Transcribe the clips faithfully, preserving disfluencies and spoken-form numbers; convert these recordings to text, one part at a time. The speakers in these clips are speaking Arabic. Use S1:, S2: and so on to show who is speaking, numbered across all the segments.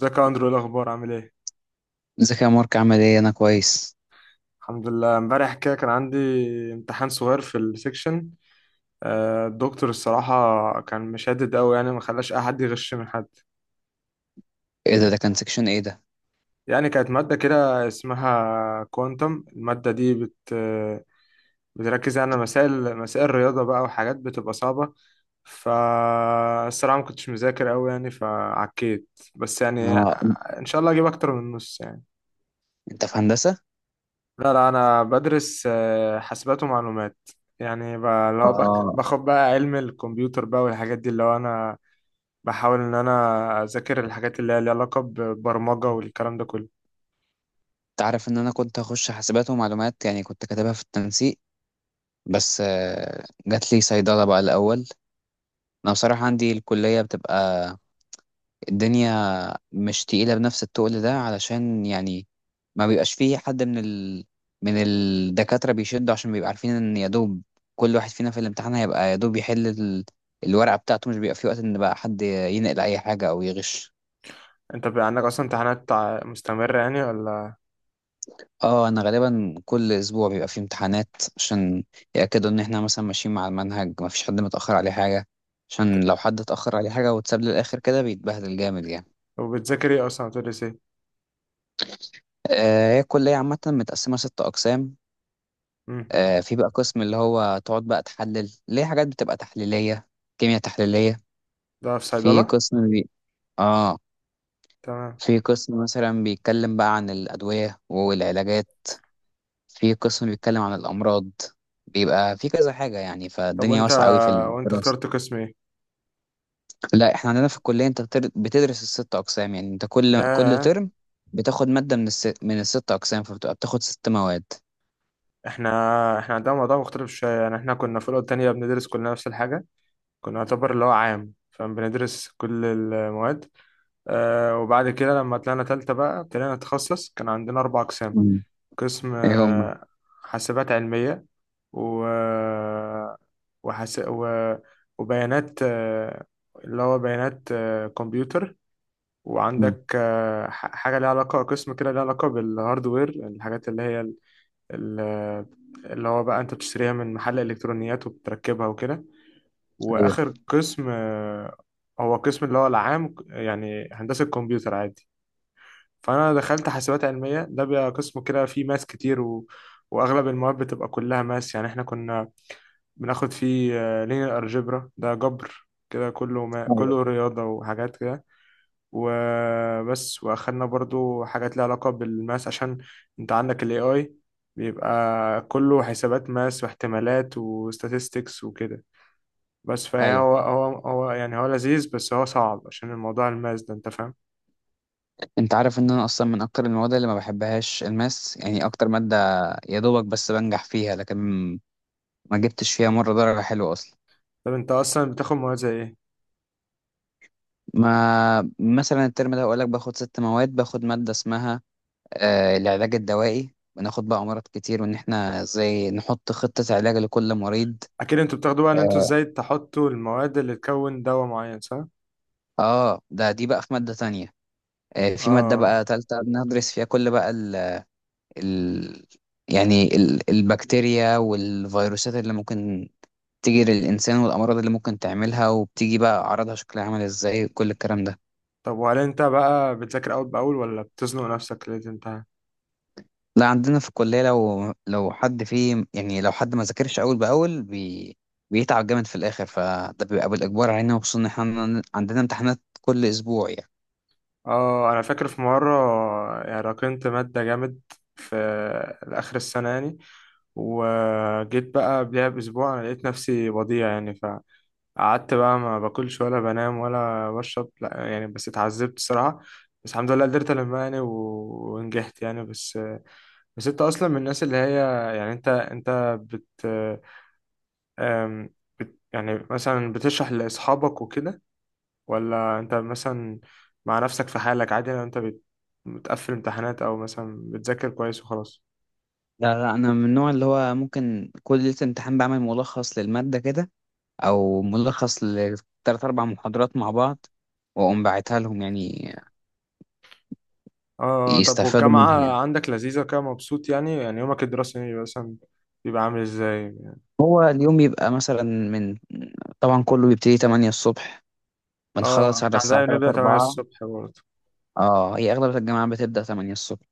S1: ازيك يا اندرو، ايه الاخبار؟ عامل ايه؟
S2: ازيك يا مارك، عامل ايه؟ انا كويس.
S1: الحمد لله، امبارح كده كان عندي امتحان صغير في السكشن. آه، الدكتور الصراحة كان مشدد أوي، يعني ما خلاش أي حد يغش من حد.
S2: ايه ده؟ ده كان سكشن ايه ده؟
S1: يعني كانت مادة كده اسمها كوانتم. المادة دي بت بتركز يعني على مسائل مسائل رياضة بقى وحاجات بتبقى صعبة. فالصراحة ما كنتش مذاكر أوي يعني، فعكيت بس يعني.
S2: اه.
S1: إن شاء الله أجيب أكتر من نص يعني.
S2: انت في هندسه؟
S1: لا لا، انا بدرس آه، حاسبات ومعلومات. يعني ب- اللي هو بك-
S2: اه.
S1: باخد بقى علم الكمبيوتر بقى والحاجات دي، اللي هو انا بحاول ان انا اذاكر الحاجات اللي هي ليها علاقة ببرمجة والكلام ده كله.
S2: انت عارف ان انا كنت هخش حاسبات ومعلومات، يعني كنت كاتبها في التنسيق. بس آه، جات لي صيدله بقى الاول. انا بصراحه عندي الكليه بتبقى الدنيا مش تقيلة بنفس التقل ده، علشان يعني ما بيبقاش فيه حد من ال... من الدكاترة بيشدوا، عشان بيبقى عارفين ان يا دوب كل واحد فينا في الامتحان هيبقى يا دوب يحل ال... الورقة بتاعته، مش بيبقى فيه وقت ان بقى حد ينقل اي حاجة او يغش.
S1: انت بقى عندك اصلا امتحانات ع- مستمرة يعني، ولا؟
S2: اه، انا غالبا كل اسبوع بيبقى فيه امتحانات، عشان يأكدوا ان احنا مثلا ماشيين مع المنهج، ما فيش حد متأخر عليه حاجة.
S1: انت-
S2: عشان لو حد اتأخر عليه حاجة واتساب للآخر كده بيتبهدل جامد يعني.
S1: وبتذاكر ايه اصلا؟ بتدرس ايه؟
S2: آه، هي الكلية عامة متقسمة ست أقسام.
S1: امم
S2: آه، في بقى قسم اللي هو تقعد بقى تحلل ليه حاجات بتبقى تحليلية، كيمياء تحليلية.
S1: ده في
S2: في
S1: صيدلة.
S2: قسم بي... اه.
S1: تمام.
S2: في قسم مثلا بيتكلم بقى عن الأدوية والعلاجات. في قسم بيتكلم عن الأمراض. بيبقى في كذا حاجة يعني،
S1: طب
S2: فالدنيا
S1: وانت
S2: واسعة أوي في
S1: وانت
S2: الدراسة.
S1: اخترت قسم ايه؟
S2: لا، احنا عندنا في الكلية انت بتر- بتدرس الست أقسام، يعني انت كل كل
S1: ياه.
S2: ترم بتاخد مادة من الس... من الست أقسام، فبتبقى بتاخد ست مواد.
S1: احنا احنا عندنا موضوع مختلف شوية، يعني احنا كنا في الأولى والتانية بندرس كلنا نفس الحاجة. كنا نعتبر اللي هو عام فبندرس كل المواد. آه، وبعد كده لما طلعنا تالتة بقى ابتدينا نتخصص، كان عندنا أربع أقسام.
S2: مم.
S1: قسم
S2: ايه هما؟
S1: آه، حاسبات علمية، و... وحس... و... وبيانات آه، اللي هو بيانات آه، كمبيوتر.
S2: مم.
S1: وعندك آه، ح- حاجة ليها علاقة، قسم كده ليها علاقة بالهاردوير، الحاجات اللي هي ال... ال- اللي هو بقى أنت بتشتريها من محل إلكترونيات وبتركبها وكده.
S2: ايوه،
S1: وآخر قسم آه، هو قسم اللي هو العام، يعني هندسة كمبيوتر عادي. فانا دخلت حاسبات علميه، ده بقى قسم كده فيه ماس كتير، و... واغلب المواد بتبقى كلها ماس يعني. احنا كنا بناخد فيه لينير الجبرا، ده جبر كده كله ما...
S2: ايوه،
S1: كله رياضه وحاجات كده، وبس. واخدنا برضو حاجات ليها علاقه بالماس، عشان انت عندك الاي اي، بيبقى كله حسابات ماس واحتمالات وستاتستكس وكده بس. فهي
S2: ايوه.
S1: هو هو هو يعني هو لذيذ بس هو صعب، عشان الموضوع الماس ده، انت فاهم.
S2: انت عارف ان انا اصلا من اكتر المواد اللي ما بحبهاش الماس، يعني اكتر ماده يا دوبك بس بنجح فيها، لكن ما جبتش فيها مره درجه حلوه اصلا.
S1: طب انت اصلا بتاخد مواد زي ايه؟
S2: ما مثلا الترم ده اقول لك باخد ست مواد، باخد ماده اسمها آه العلاج الدوائي، بناخد بقى امراض كتير وان احنا ازاي نحط خطه علاج لكل مريض.
S1: اكيد انتوا بتاخدوا بقى ان انتوا
S2: اه.
S1: ازاي تحطوا المواد اللي تكون دواء معين، صح؟
S2: آه، ده دي بقى في مادة تانية. آه، في مادة
S1: اه.
S2: بقى تالتة بندرس فيها كل بقى ال ال يعني ال البكتيريا والفيروسات اللي ممكن بتيجي للإنسان، والأمراض اللي ممكن تعملها، وبتيجي بقى أعراضها شكلها عامل إزاي، كل الكلام ده.
S1: طب وهل انت بقى بتذاكر اول باول، ولا بتزنق نفسك ليه تنتهي؟
S2: لا، عندنا في الكلية لو لو حد فيه، يعني لو حد ما ذاكرش أول بأول بي بيتعب جامد في الآخر، فده بيبقى بالإجبار علينا، وخصوصا إن إحنا عندنا امتحانات كل أسبوع يعني.
S1: اه انا فاكر في مره يعني راكنت ماده جامد في اخر السنه يعني، وجيت بقى قبلها باسبوع انا لقيت نفسي وضيع يعني، فقعدت بقى ما باكلش ولا بنام ولا بشرب، لا يعني بس اتعذبت الصراحه. بس الحمد لله قدرت المها يعني، و- ونجحت يعني. بس، بس انت اصلا من الناس اللي هي يعني، انت انت بت, أم بت يعني مثلا بتشرح لاصحابك وكده، ولا انت مثلا مع نفسك في حالك عادي؟ لو انت بت بتقفل امتحانات او مثلا بتذاكر كويس وخلاص.
S2: لا، لا، أنا من النوع اللي هو ممكن كل ليلة امتحان بعمل ملخص للمادة كده، أو ملخص لتلات أربع محاضرات مع بعض، وأقوم باعتها لهم يعني
S1: اه، آه، آه. طب
S2: يستفادوا منها
S1: والجامعة
S2: يعني.
S1: عندك لذيذة كده؟ مبسوط يعني؟ يعني يومك الدراسي بيبقى مثلا، بيبقى عامل ازاي؟
S2: هو اليوم يبقى مثلا من طبعا كله بيبتدي تمانية الصبح،
S1: اه
S2: بنخلص على
S1: احنا
S2: الساعة
S1: عندنا بنبدأ
S2: الثالثة
S1: الثامنة
S2: اربعة.
S1: الصبح برضه.
S2: اه، هي أغلب الجامعات بتبدأ تمانية الصبح.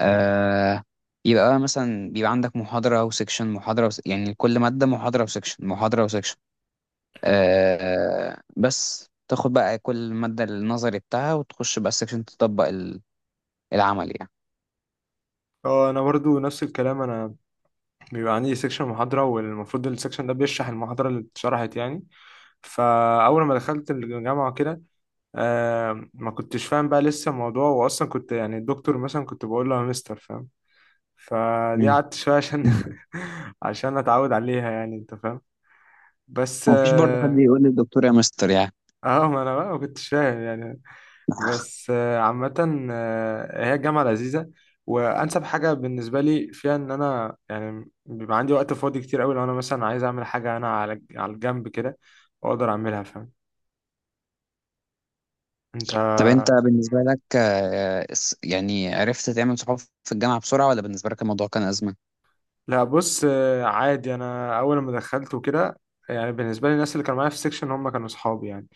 S2: آه. يبقى بقى مثلا بيبقى عندك محاضرة وسكشن، محاضرة وس... يعني كل مادة محاضرة وسكشن، محاضرة وسكشن. آه بس تاخد بقى كل مادة النظري بتاعها وتخش بقى السكشن تطبق ال- العمل يعني.
S1: اه انا برضو نفس الكلام. انا بيبقى عندي سيكشن محاضرة، والمفروض السيكشن ده بيشرح المحاضرة اللي اتشرحت يعني. فاول ما دخلت الجامعه كده آه ما كنتش فاهم بقى لسه الموضوع، واصلا كنت يعني الدكتور مثلا كنت بقول له يا مستر، فاهم. فدي
S2: مم.
S1: قعدت شويه عشان عشان اتعود عليها يعني، انت فاهم. بس
S2: مفيش برضه حد
S1: اه.
S2: يقول للدكتور يا مستر يعني.
S1: آه، ما انا بقى ما كنتش فاهم يعني. بس آه عامه آه هي الجامعه لذيذه، وانسب حاجه بالنسبه لي فيها ان انا يعني بيبقى عندي وقت فاضي كتير قوي، لو انا مثلا عايز اعمل حاجه انا على على الجنب كده واقدر اعملها، فاهم. انت.
S2: طب انت بالنسبة لك، آه، الس- يعني عرفت تعمل صحاب في الجامعة بسرعة، ولا بالنسبة لك الموضوع كان أزمة؟
S1: لا بص، آه، عادي. انا اول ما دخلت وكده يعني، بالنسبه لي الناس اللي كانوا معايا في السكشن هم كانوا اصحابي يعني.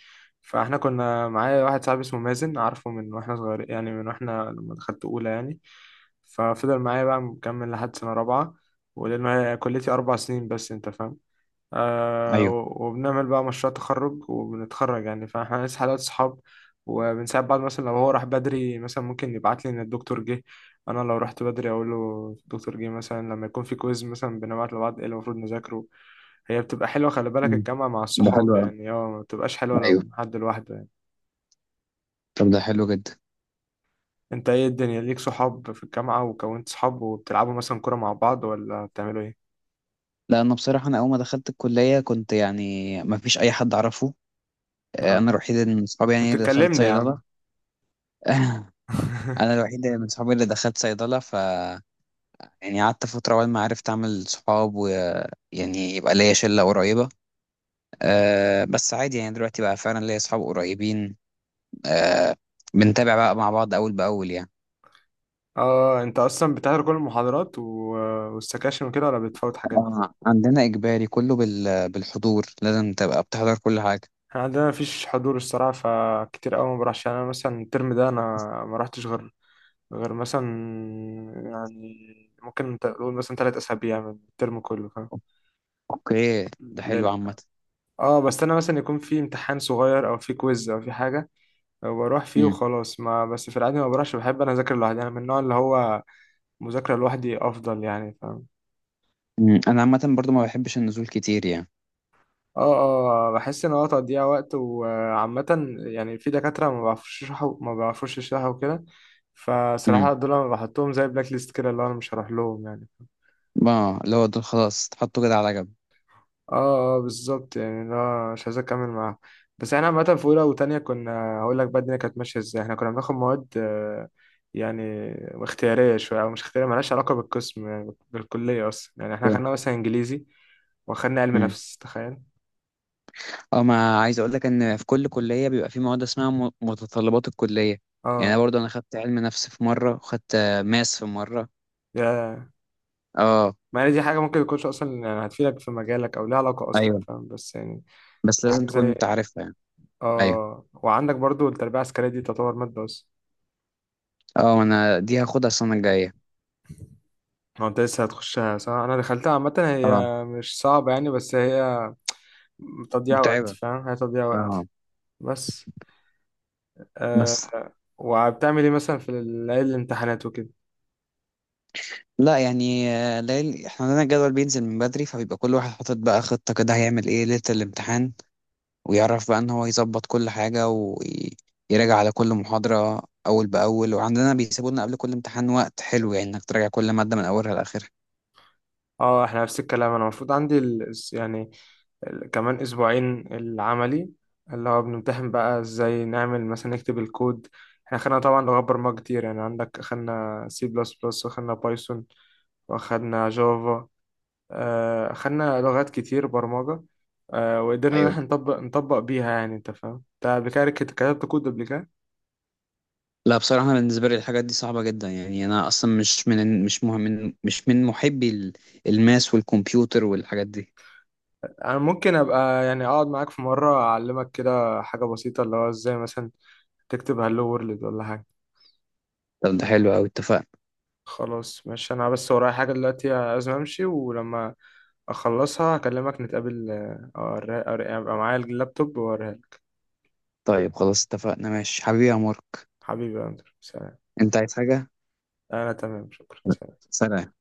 S1: فاحنا كنا معايا واحد صاحبي اسمه مازن، عارفه من واحنا صغير يعني، من واحنا لما دخلت اولى يعني. ففضل معايا بقى مكمل لحد سنه رابعه، ولانه هي كليتي اربع سنين بس، انت فاهم. آه
S2: ايوه.
S1: و- وبنعمل بقى مشروع تخرج وبنتخرج يعني، فاحنا لسه حالات صحاب. وبنساعد بعض، مثلا لو هو راح بدري مثلا ممكن يبعت لي ان الدكتور جه، انا لو رحت بدري اقول له الدكتور جه مثلا. لما يكون في كويز مثلا بنبعت لبعض ايه اللي المفروض نذاكره. هي بتبقى حلوه، خلي بالك
S2: مم.
S1: الجامعه مع
S2: ده
S1: الصحاب
S2: حلو أوي.
S1: يعني، اه. ما بتبقاش حلوه
S2: ايوه.
S1: لو حد لوحده يعني.
S2: طب ده حلو جدا.
S1: انت ايه الدنيا ليك صحاب في الجامعه وكونت صحاب؟ وبتلعبوا مثلا كوره مع بعض ولا بتعملوا ايه؟
S2: لا، انا بصراحة انا اول ما دخلت الكلية كنت يعني ما فيش اي حد اعرفه. آه،
S1: اه،
S2: انا الوحيد من صحابي يعني
S1: كنت
S2: اللي دخلت
S1: تكلمني يا
S2: صيدلة.
S1: عم.
S2: انا الوحيد من صحابي اللي دخلت صيدلة ف يعني قعدت فترة أول ما عرفت أعمل صحاب ويعني يبقى ليا شلة قريبة. أه، بس عادي يعني دلوقتي بقى فعلا ليا صحاب قريبين. آه، بنتابع بقى مع بعض أول بأول يعني.
S1: اه، انت اصلا بتحضر كل المحاضرات و... والسكاشن وكده، ولا بتفوت حاجات؟
S2: آه، عندنا إجباري كله بال... بالحضور، لازم تبقى بتحضر كل حاجة.
S1: احنا عندنا مفيش حضور الصراحه، فكتير قوي ما بروحش يعني. انا مثلا الترم ده انا ما رحتش غير، غير مثلا يعني، ممكن تقول مثلا ثلاث اسابيع من الترم كله، فاهم.
S2: أوكي. ده حلو
S1: ليلة.
S2: عامة.
S1: اه بس انا مثلا يكون في امتحان صغير او في كويز او في حاجه بروح فيه
S2: مم.
S1: وخلاص. ما بس في العادي ما بروحش. بحب انا اذاكر لوحدي، انا من النوع اللي هو مذاكره لوحدي افضل يعني، فاهم.
S2: مم. أنا عامة برضو ما بحبش النزول كتير يعني.
S1: اه اه بحس ان هو تضييع وقت، وعامة يعني في دكاترة ما بيعرفوش يشرحوا ما بيعرفوش يشرحوا وكده. فصراحة
S2: مم.
S1: دول انا بحطهم زي بلاك ليست كده، اللي هو انا مش هروح لهم يعني.
S2: اه، اللي هو دول خلاص تحطه كده على جنب.
S1: اه اه بالظبط، يعني اللي هو مش عايز اكمل معاهم. بس احنا عامة في اولى وتانية كنا، هقول لك بقى الدنيا كانت ماشية ازاي. احنا كنا بناخد مواد آه، يعني اختيارية شوية، او مش اختيارية مالهاش علاقة بالقسم يعني، بالكلية اصلا يعني. احنا
S2: أوكي.
S1: خدنا مثلا انجليزي، واخدنا علم
S2: مم.
S1: نفس، تخيل.
S2: اه، ما عايز أقول لك إن في كل كلية بيبقى في مواد اسمها م- متطلبات الكلية، يعني أنا
S1: اه،
S2: برضو أنا خدت علم نفس في مرة، وخدت آه، ماس في مرة.
S1: يا.
S2: اه.
S1: ما هي دي حاجة ممكن يكونش أصلا يعني هتفيدك في مجالك، أو ليها علاقة أصلا،
S2: ايوه.
S1: فاهم، بس يعني
S2: بس لازم
S1: حاجة
S2: تكون انت
S1: زي.
S2: عارفها يعني. ايوه.
S1: آه وعندك برضو التربية العسكرية، دي تعتبر مادة بس.
S2: اه، انا دي هاخدها السنه الجايه.
S1: هو أنت لسه هتخشها، صح؟ أنا دخلتها عامة،
S2: اه،
S1: هي مش صعبة يعني، بس هي تضييع وقت،
S2: متعبة.
S1: فاهم، هي تضييع
S2: اه.
S1: وقت. بس آه.
S2: بس
S1: وبتعمل إيه مثلا في ليالي الامتحانات وكده؟
S2: لا يعني، آه، ليل احنا عندنا الجدول بينزل من بدري، فبيبقى كل واحد حاطط بقى خطة كده هيعمل ايه ليلة الامتحان، ويعرف بقى ان هو يظبط كل حاجة، ويراجع على كل محاضرة أول بأول، وعندنا بيسيبوا لنا قبل كل امتحان وقت حلو يعني انك تراجع كل مادة من أولها لآخرها.
S1: اه احنا نفس الكلام. انا المفروض عندي ال... يعني ال- كمان اسبوعين العملي، اللي هو بنمتحن بقى ازاي نعمل مثلا نكتب الكود. احنا خدنا طبعا لغات برمجة كتير يعني، عندك خدنا سي بلس بلس، واخدنا بايثون، واخدنا جافا، آه، خدنا لغات كتير برمجة. آه، وقدرنا ان
S2: ايوه.
S1: احنا نطبق نطبق بيها يعني، انت فاهم. انت قبل كده كت- كتبت كود قبل كده؟
S2: لا، بصراحة أنا بالنسبة لي الحاجات دي صعبة جدا، يعني أنا أصلا مش من، مش مهم، من مش من محبي ال- الماس والكمبيوتر والحاجات دي.
S1: انا ممكن ابقى يعني اقعد معاك في مرة اعلمك كده حاجة بسيطة، اللي هو ازاي مثلا تكتب هالو وورلد ولا حاجة.
S2: طب ده حلو أوي، اتفقنا.
S1: خلاص ماشي، انا بس ورايا حاجة دلوقتي لازم امشي، ولما اخلصها هكلمك نتقابل. آه، أوري- أوري- يبقى معايا اللابتوب واوريها لك.
S2: طيب خلاص اتفقنا، ماشي حبيبي يا عمر.
S1: حبيبي يا اندر، سلام.
S2: انت عايز حاجة؟
S1: انا تمام، شكرا.
S2: سلام.